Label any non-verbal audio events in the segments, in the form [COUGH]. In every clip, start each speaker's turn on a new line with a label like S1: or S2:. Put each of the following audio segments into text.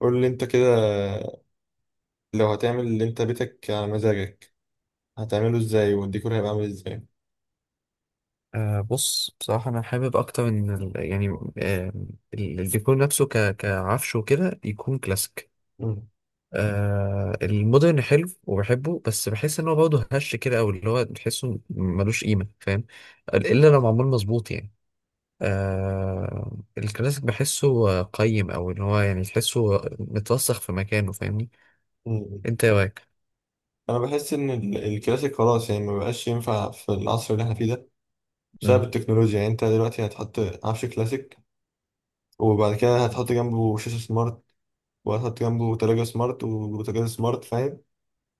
S1: قول لي انت كده، لو هتعمل اللي انت بيتك على مزاجك هتعمله ازاي والديكور هيبقى عامل ازاي؟
S2: بص، بصراحة أنا حابب أكتر إن يعني آه، الديكور نفسه كعفش وكده يكون كلاسيك.
S1: مم.
S2: المودرن حلو وبحبه، بس بحس إن هو برضه هش كده، أو اللي هو تحسه ملوش قيمة، فاهم؟ إلا لو معمول مظبوط يعني. الكلاسيك بحسه قيم، أو إن هو يعني تحسه متوسخ في مكانه، فاهمني؟
S1: مم.
S2: أنت إيه رأيك؟
S1: انا بحس ان الكلاسيك خلاص، يعني ما بقاش ينفع في العصر اللي احنا فيه ده، بسبب
S2: مم.
S1: التكنولوجيا، يعني انت دلوقتي هتحط عفش كلاسيك، وبعد كده هتحط جنبه شاشة سمارت، وهتحط جنبه تلاجة سمارت وبوتاجاز سمارت، فاهم؟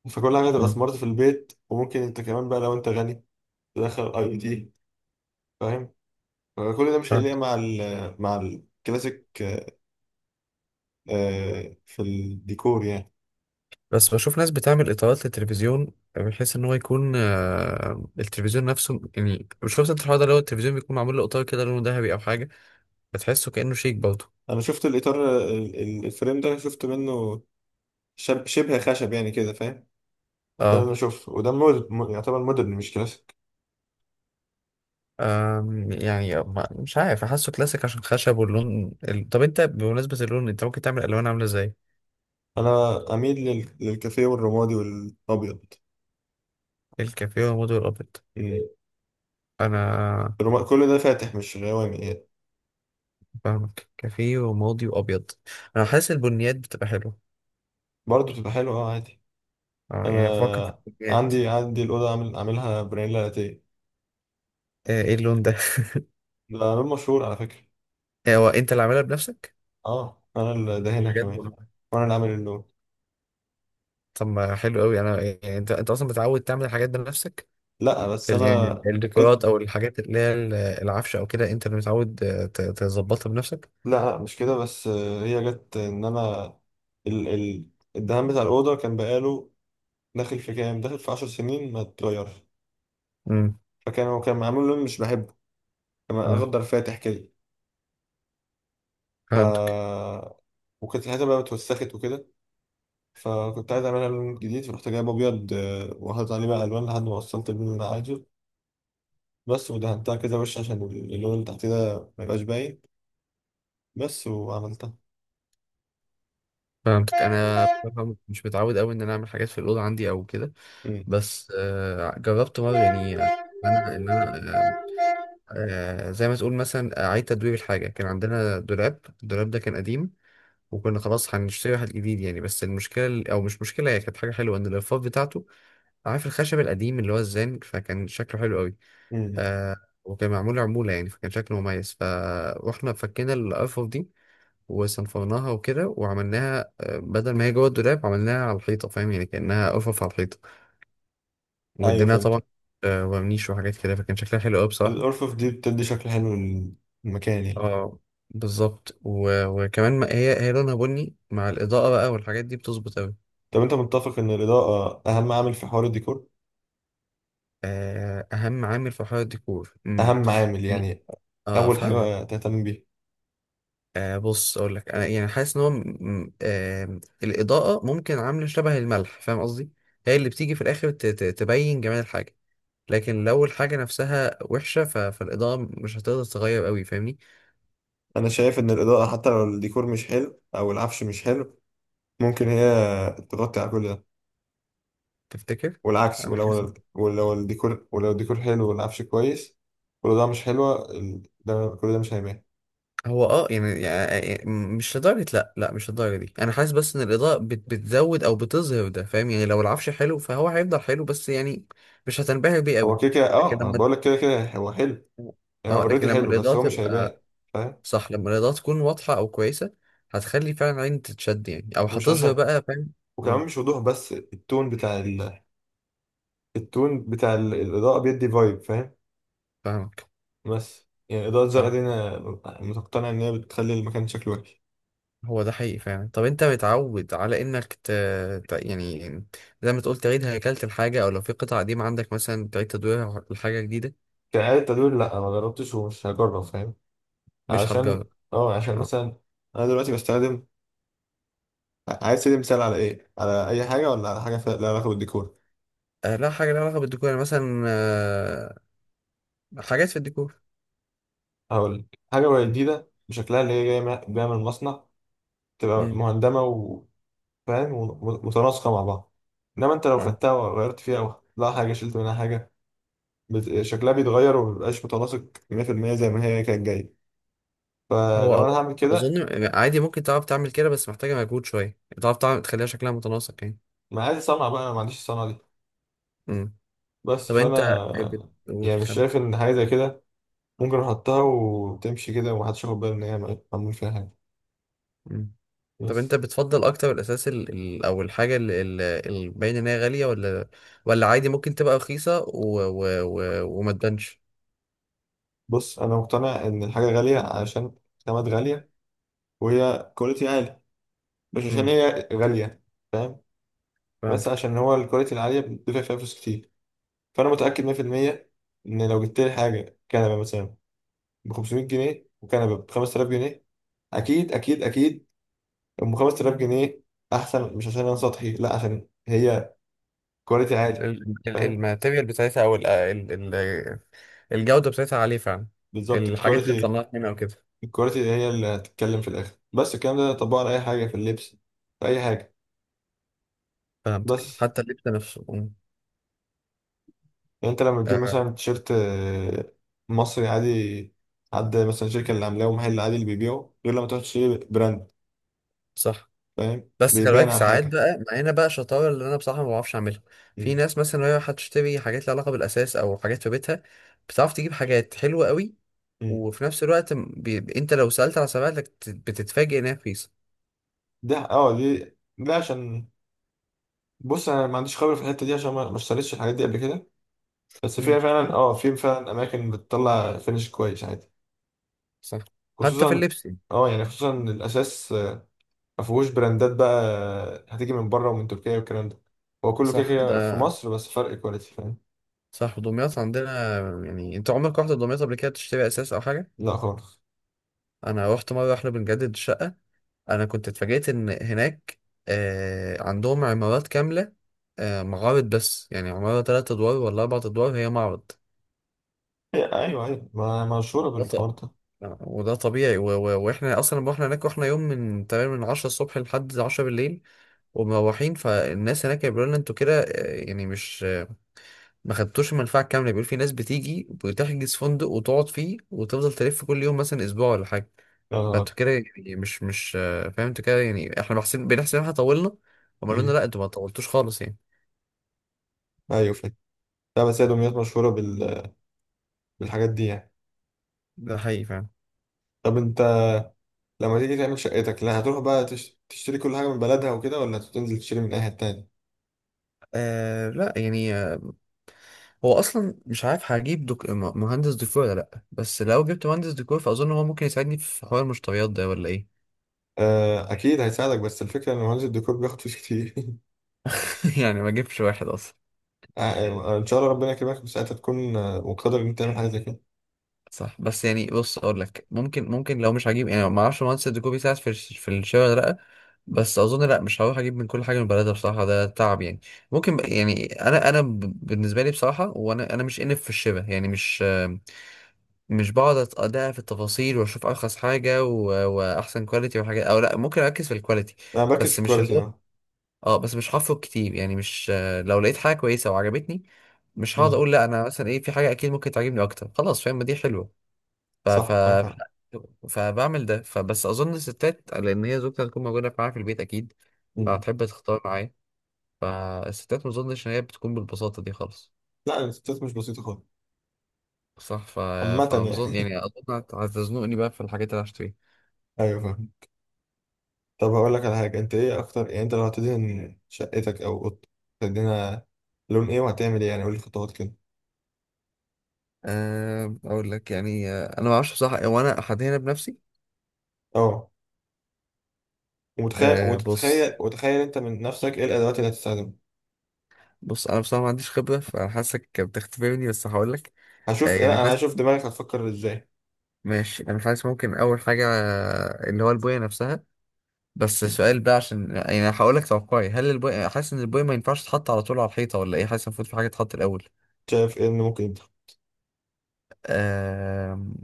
S1: فكل حاجة تبقى سمارت في البيت، وممكن انت كمان بقى لو انت غني تدخل اي او تي، فاهم؟ فكل ده مش
S2: مم.
S1: هيليق مع الكلاسيك، في الديكور يعني.
S2: بس بشوف ناس بتعمل اطارات للتلفزيون، بحيث ان هو يكون التلفيزيون نفسه يعني. مش شفت انت الحوار ده؟ لو التلفزيون بيكون معمول له اطار كده لونه ذهبي او حاجه، بتحسه كانه شيك برضه.
S1: انا شفت الاطار الفريم ده شفت منه، شبه خشب يعني كده، فاهم؟ ده اللي
S2: اه.
S1: انا شفته، وده يعتبر مودرن مش كلاسيك.
S2: يعني مش عارف احسه كلاسيك عشان خشب واللون طب انت بمناسبه اللون، انت ممكن تعمل الوان عامله ازاي؟
S1: انا اميل للكافيه والرمادي والابيض.
S2: الكافيه وماضي والابيض.
S1: مم.
S2: انا.
S1: كل ده فاتح مش غوامي يعني.
S2: فاهمك، كافيه وماضي وابيض. انا حاسس البنيات بتبقى حلوه.
S1: برضه بتبقى حلوه، اه عادي.
S2: اه، يعني بفكر في
S1: انا
S2: البنيات.
S1: عندي الاوضه عاملها برانيلا لاتيه.
S2: ايه اللون ده؟
S1: ده لون مشهور على فكره.
S2: [LAUGHS] هو انت اللي عاملها بنفسك؟
S1: اه، انا اللي دهنها
S2: بجد
S1: كمان،
S2: والله؟
S1: وانا اللي عامل اللون.
S2: طب ما حلو قوي، انا يعني انت اصلا متعود تعمل الحاجات دي بنفسك.
S1: لا بس انا
S2: يعني الديكورات
S1: قلت.
S2: او الحاجات اللي هي العفشه او كده، انت اللي متعود تظبطها بنفسك؟
S1: لا، لا، مش كده بس، هي جت ان انا ال الدهان بتاع الاوضه كان بقاله داخل في 10 سنين ما اتغيرش.
S2: امم.
S1: فكان هو كان معمول لون مش بحبه، كان
S2: اه،
S1: اخضر فاتح كده. ف
S2: فهمتك.
S1: وكانت الحته بقى اتوسخت وكده، فكنت عايز اعملها لون جديد، فرحت جايب ابيض وحاطط عليه بقى الوان لحد ما وصلت اللون اللي انا عايزه، بس، ودهنتها كده وش عشان اللون اللي تحت ده ما يبقاش باين بس، وعملتها.
S2: فهمتك، انا بصراحة مش متعود قوي ان انا اعمل حاجات في الاوضه عندي او كده.
S1: امم،
S2: بس جربت مره يعني ان انا زي ما تقول مثلا اعيد تدوير الحاجه. كان عندنا دولاب، الدولاب ده كان قديم، وكنا خلاص هنشتري واحد جديد يعني. بس المشكله، او مش مشكله، هي كانت حاجه حلوه ان الرفاف بتاعته، عارف الخشب القديم اللي هو الزان، فكان شكله حلو قوي.
S1: امم،
S2: آه. وكان معمول عمولة يعني، فكان شكله مميز، فروحنا فكينا الأرفف دي، وصنفرناها وكده، وعملناها بدل ما هي جوه الدولاب، عملناها على الحيطة، فاهم؟ يعني كأنها أرفف على الحيطة،
S1: ايوه،
S2: واديناها
S1: فهمت.
S2: طبعا ورنيش وحاجات كده، فكان شكلها حلو قوي بصراحة.
S1: الارفف دي بتدي شكل حلو للمكان يعني.
S2: اه. بالظبط، وكمان ما هي لونها بني، مع الإضاءة بقى والحاجات دي بتظبط قوي.
S1: طب انت متفق ان الاضاءه اهم عامل في حوار الديكور؟
S2: آه، أهم عامل في حوار الديكور. امم.
S1: اهم عامل
S2: يعني.
S1: يعني،
S2: اه،
S1: اول
S2: فاهمك.
S1: حاجه تهتم بيها.
S2: بص، اقول لك انا يعني حاسس ان هو الاضاءه ممكن عامله شبه الملح، فاهم قصدي؟ هي اللي بتيجي في الاخر تبين جمال الحاجه. لكن لو الحاجه نفسها وحشه فالاضاءه مش هتقدر تغير قوي، فاهمني؟
S1: انا شايف ان الاضاءه حتى لو الديكور مش حلو او العفش مش حلو، ممكن هي تغطي على كل ده،
S2: تفتكر؟
S1: والعكس،
S2: انا حاسس.
S1: ولو الديكور حلو والعفش كويس والاضاءه مش حلوه، كل ده مش هيبان.
S2: هو اه، يعني مش لدرجه، لا، لا، مش للدرجه دي. انا حاسس بس ان الاضاءه بتزود او بتظهر، ده فاهم؟ يعني لو العفش حلو فهو هيفضل حلو بس يعني مش هتنبهر بيه
S1: هو
S2: قوي.
S1: كده كده،
S2: لكن
S1: اه، ما انا
S2: لما
S1: بقول لك كده كده هو حلو،
S2: [LAUGHS]
S1: يعني هو
S2: اه، لكن
S1: اوريدي
S2: لما
S1: حلو
S2: الاضاءه
S1: بس هو مش هيبان،
S2: تبقى،
S1: فاهم؟
S2: صح، لما الإضاءة تكون واضحة أو كويسة، هتخلي فعلا العين تتشد، يعني أو
S1: ومش
S2: هتظهر
S1: عشان،
S2: بقى، فاهم؟ اه،
S1: وكمان مش وضوح بس، التون بتاع الاضاءه بيدي فايب، فاهم؟
S2: فاهمك.
S1: بس يعني إضاءة زرقاء
S2: فاهم.
S1: دي أنا مقتنع إن هي بتخلي المكان شكله وحش.
S2: هو ده حقيقي فعلا. طب أنت متعود على إنك يعني زي ما تقول تعيد هيكلة الحاجة، أو لو في قطعة قديمة عندك مثلا تعيد تدويرها لحاجة جديدة؟
S1: كإعادة تدوير، لأ ما جربتش ومش هجرب، فاهم؟
S2: مش
S1: عشان،
S2: هتجرب.
S1: عشان
S2: اه.
S1: مثلا أنا دلوقتي بستخدم. عايز تدي مثال على إيه؟ على أي حاجة ولا على حاجة لها علاقة بالديكور؟
S2: لا، حاجة لها علاقة بالديكور يعني مثلا حاجات في الديكور.
S1: هقول حاجة وهي جديدة بشكلها اللي هي جاية جاية من المصنع، تبقى
S2: مم.
S1: مهندمة وفاهم، ومتناسقة مع بعض. إنما أنت لو
S2: اه.
S1: خدتها وغيرت فيها أو حطيت لها حاجة، شلت منها حاجة، شكلها بيتغير ومبيبقاش متناسق 100% زي ما هي كانت جاية.
S2: هو
S1: فلو أنا
S2: هو
S1: هعمل
S2: أظن
S1: كده،
S2: يعني عادي، ممكن تعرف تعمل كده، بس محتاجة مجهود شوية تعرف تعمل تخليها شكلها متناسق يعني.
S1: ما عادي صنعة بقى، أنا ما عنديش الصنعة دي.
S2: مم.
S1: بس
S2: طب انت
S1: فأنا
S2: بتقول
S1: يعني مش
S2: كم؟
S1: شايف إن حاجة زي كده ممكن أحطها وتمشي كده ومحدش ياخد باله إن هي معمول فيها حاجة.
S2: مم. طب انت
S1: بس،
S2: بتفضل اكتر الاساس او الحاجه اللي باين ان هي غاليه، ولا ولا عادي ممكن تبقى رخيصه وما تبانش؟
S1: بص، أنا مقتنع إن الحاجة غالية عشان خامات غالية، وهي كواليتي عالي، مش عشان
S2: امم.
S1: هي غالية، فاهم؟ بس
S2: فهمتك،
S1: عشان هو الكواليتي العالية بتدفع فيها فلوس كتير. فأنا متأكد 100% إن لو جبت لي حاجة كنبة مثلا ب 500 جنيه وكنبة ب 5000 جنيه، أكيد أكيد أكيد، أم 5000 جنيه أحسن، مش عشان أنا سطحي، لا عشان هي كواليتي عالي، فاهم؟
S2: الماتيريال بتاعتها، او الجوده بتاعتها عاليه فعلا،
S1: بالظبط
S2: الحاجات اللي
S1: الكواليتي.
S2: طلعت منها او كده.
S1: الكواليتي هي اللي هتتكلم في الاخر، بس الكلام ده طبقه على اي حاجه، في اللبس، في اي حاجه.
S2: فهمتك،
S1: بس
S2: حتى اللبس نفسه. مم.
S1: يعني انت لما تجيب
S2: آه.
S1: مثلا تيشيرت مصري عادي، حد مثلا شركه اللي عاملاه ومحل عادي اللي بيبيعه، غير لما تروح تشتري براند،
S2: صح.
S1: فاهم؟
S2: بس خلي
S1: بيبان
S2: بالك،
S1: على
S2: ساعات
S1: حاجه.
S2: بقى معانا بقى شطاره اللي انا بصراحه ما بعرفش اعملها. في
S1: مم.
S2: ناس مثلا وهي هتشتري حاجات لها علاقه بالاساس او حاجات في بيتها، بتعرف تجيب حاجات حلوه قوي.
S1: مم.
S2: وفي نفس الوقت انت لو سالت على سبائك بتتفاجئ انها رخيصه.
S1: ده، اه، دي، ده عشان، بص، انا ما عنديش خبره في الحته دي عشان ما اشتريتش الحاجات دي قبل كده. بس
S2: مم.
S1: فيها فعلا اه في فعلا اماكن بتطلع فينش كويس عادي،
S2: صح. حتى في
S1: خصوصا،
S2: اللبس يعني.
S1: اه يعني خصوصا إن الاساس ما فيهوش براندات بقى، هتيجي من بره ومن تركيا والكلام ده، هو كله كده
S2: صح
S1: كده في
S2: ده،
S1: مصر، بس فرق كواليتي، فاهم؟
S2: صح، دمياط عندنا. يعني انت عمرك رحت دمياط قبل كده تشتري اساس او حاجه؟
S1: لا خالص.
S2: انا رحت مره، احنا بنجدد الشقه. انا كنت اتفاجئت ان هناك عندهم عمارات كامله، معارض، بس يعني عماره ثلاث ادوار ولا اربع ادوار هي معرض.
S1: ايوه ايوه، ما مشهوره
S2: [LAUGHS] وده
S1: بالحوار ده.
S2: وده طبيعي واحنا اصلا لما رحنا هناك، رحنا يوم من تقريبا من 10 الصبح لحد 10 بالليل، ومروحين، فالناس هناك بيقولوا لنا انتوا كده، يعني مش ما خدتوش المنفعه الكامله. بيقول في ناس بتيجي بتحجز فندق وتقعد فيه، وتفضل تلف كل يوم، مثلا اسبوع ولا حاجه.
S1: يا نهار أبيض.
S2: فانتوا كده، يعني مش فاهم انتوا كده، يعني احنا بنحسب ان احنا طولنا. هم قالوا لنا
S1: مم.
S2: لا، انتوا ما طولتوش خالص يعني.
S1: ايوه، فاهم. لا بس هي دمياط مشهوره بالحاجات دي يعني.
S2: ده حقيقي فعلا.
S1: طب انت لما تيجي تعمل شقتك، لا هتروح بقى تشتري كل حاجه من بلدها وكده، ولا هتنزل تشتري من اي حته تاني؟
S2: لا يعني هو اصلا مش عارف هجيب مهندس ديكور، ولا لا، بس لو جبت مهندس ديكور فاظن هو ممكن يساعدني في حوار المشتريات ده، ولا ايه؟
S1: اكيد هيساعدك، بس الفكره ان مهندس الديكور بياخد فلوس كتير [LAUGHS]
S2: [LAUGHS] يعني ما اجيبش واحد اصلا.
S1: آه، ان شاء الله ربنا يكرمك بساعتها تكون مقتدر ان انت تعمل حاجه زي كده.
S2: صح، بس يعني بص اقول لك، ممكن لو مش هجيب، يعني ما اعرفش مهندس الديكور بيساعد في الشاي ولا لا. بس اظن لا، مش هروح اجيب من كل حاجه من بلدها بصراحه، ده تعب يعني. ممكن يعني انا بالنسبه لي بصراحه، وانا مش انف في الشبه يعني، مش، مش بقعد ادقق في التفاصيل واشوف ارخص حاجه واحسن كواليتي والحاجات، او لا، ممكن اركز في الكواليتي.
S1: انا بركز في
S2: بس مش اللي
S1: الكواليتي،
S2: هو،
S1: اه.
S2: اه، بس مش هفرق كتير يعني مش، لو لقيت حاجه كويسه وعجبتني، مش هقعد
S1: مم.
S2: اقول لا انا، مثلا ايه؟ في حاجه اكيد ممكن تعجبني اكتر، خلاص فاهم، ما دي حلوه. ف... ف...
S1: صح، معاك حق.
S2: فبعمل ده، فبس اظن الستات، لان هي زوجتي هتكون موجوده معايا في البيت اكيد،
S1: مم.
S2: فهتحب تختار معايا. فالستات ما اظنش ان هي بتكون بالبساطه دي خالص.
S1: لا الاستات مش بسيطه خالص.
S2: صح،
S1: عامه
S2: فمظن
S1: يعني.
S2: يعني
S1: [LAUGHS]
S2: اظن هتزنقني بقى في الحاجات اللي هشتريها.
S1: ايوه، فاهم. طب هقول لك على حاجه، انت ايه اكتر يعني، انت لو هتدهن شقتك او اوضتك، هتدهنها لون ايه وهتعمل ايه يعني؟ قول لي خطوات كده.
S2: اقول لك يعني انا ما اعرفش بصراحه، هو انا هنا بنفسي.
S1: اه، ومتخيل
S2: بص.
S1: وتتخيل وتخيل انت من نفسك ايه الادوات اللي هتستخدمها؟
S2: بص انا بصراحه ما عنديش خبره، فانا حاسك بتختبرني، بس هقول لك.
S1: هشوف،
S2: يعني
S1: لا انا
S2: حاسس،
S1: هشوف دماغك هتفكر ازاي.
S2: ماشي، انا حاسس ممكن اول حاجه اللي هو البويه نفسها. بس سؤال بقى، عشان يعني هقول لك توقعي، هل البوي حاسس ان البوي ما ينفعش تتحط على طول على الحيطه ولا ايه؟ حاسس المفروض في حاجه تتحط الاول؟
S1: شايف ايه اللي ممكن يدخل؟
S2: أم...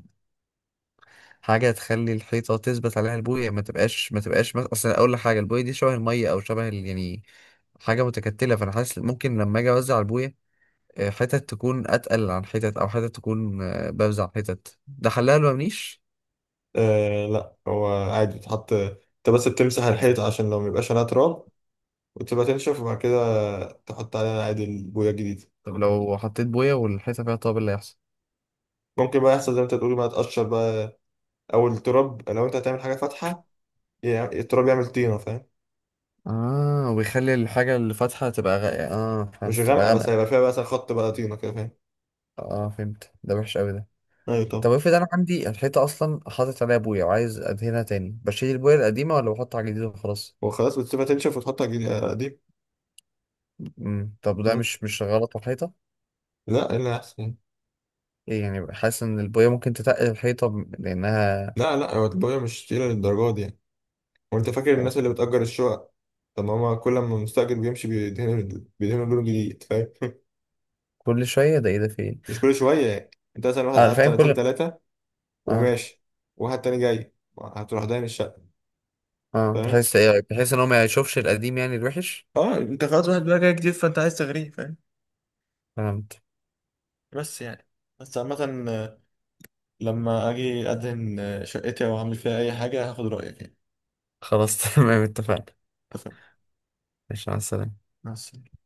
S2: حاجه تخلي الحيطه تثبت عليها البويه، ما تبقاش مثلا، اصل اقول لك حاجه، البويه دي شبه الميه او شبه يعني حاجه متكتله، فانا حاسس ممكن لما اجي اوزع البويه، حتت تكون اتقل عن حتت، او حتت تكون بوزع حتت، ده حلها لو منيش؟
S1: آه، لا هو عادي تحط، انت بس بتمسح الحيط عشان لو ميبقاش عليها تراب، وتبقى تنشف، وبعد كده تحط عليها عادي البويه الجديدة.
S2: طب لو حطيت بويه والحيطه فيها طابل، اللي هيحصل؟
S1: ممكن بقى يحصل زي ما انت تقول بقى، تقشر بقى، او التراب، لو انت هتعمل حاجه فاتحه، يعني التراب يعمل طينه، فاهم؟
S2: اه، ويخلي الحاجه اللي فاتحه تبقى اه، فهمت،
S1: مش
S2: تبقى
S1: غامقه، بس
S2: غامقه.
S1: هيبقى فيها بقى مثلا خط بقى طينه كده، فاهم؟
S2: اه، فهمت، ده وحش قوي ده.
S1: ايوه طبعا.
S2: طب افرض انا عندي الحيطه اصلا حاطط عليها بويه وعايز ادهنها تاني، بشيل البويه القديمه ولا بحط على جديد وخلاص؟
S1: وخلاص، بتسيبها تنشف وتحطها جديد قديم.
S2: امم، طب ده
S1: بس،
S2: مش غلط على الحيطه؟
S1: لا، ايه اللي احسن؟
S2: ايه يعني، حاسس ان البويه ممكن تتقل الحيطه لانها،
S1: لا، لا، هو البويه مش تقيله للدرجه دي يعني. وانت فاكر الناس اللي بتأجر الشقق؟ طب ما هما كل ما المستأجر بيمشي، بيدهنوا لون جديد، فاهم؟ [LAUGHS]
S2: كل شويه! ده ايه ده؟ في ايه؟
S1: مش كل شويه يعني، انت مثلا واحد
S2: انا
S1: قعد
S2: فاهم
S1: سنتين
S2: كل.
S1: ثلاثه،
S2: اه،
S1: وماشي، واحد تاني جاي، هتروح داين الشقه،
S2: اه،
S1: فاهم؟
S2: بحس ايه، بحس ان هو ما يشوفش القديم يعني، الوحش.
S1: اه، انت خلاص واحد بقى جاي جديد، فانت عايز تغريه، فاهم؟
S2: فهمت.
S1: بس يعني، بس عامة، لما اجي ادهن شقتي او اعمل فيها اي حاجة هاخد رأيك يعني.
S2: خلاص [LAUGHS] تمام، اتفقنا.
S1: اتفقنا.
S2: ماشي، مع السلامه.
S1: مع السلامة.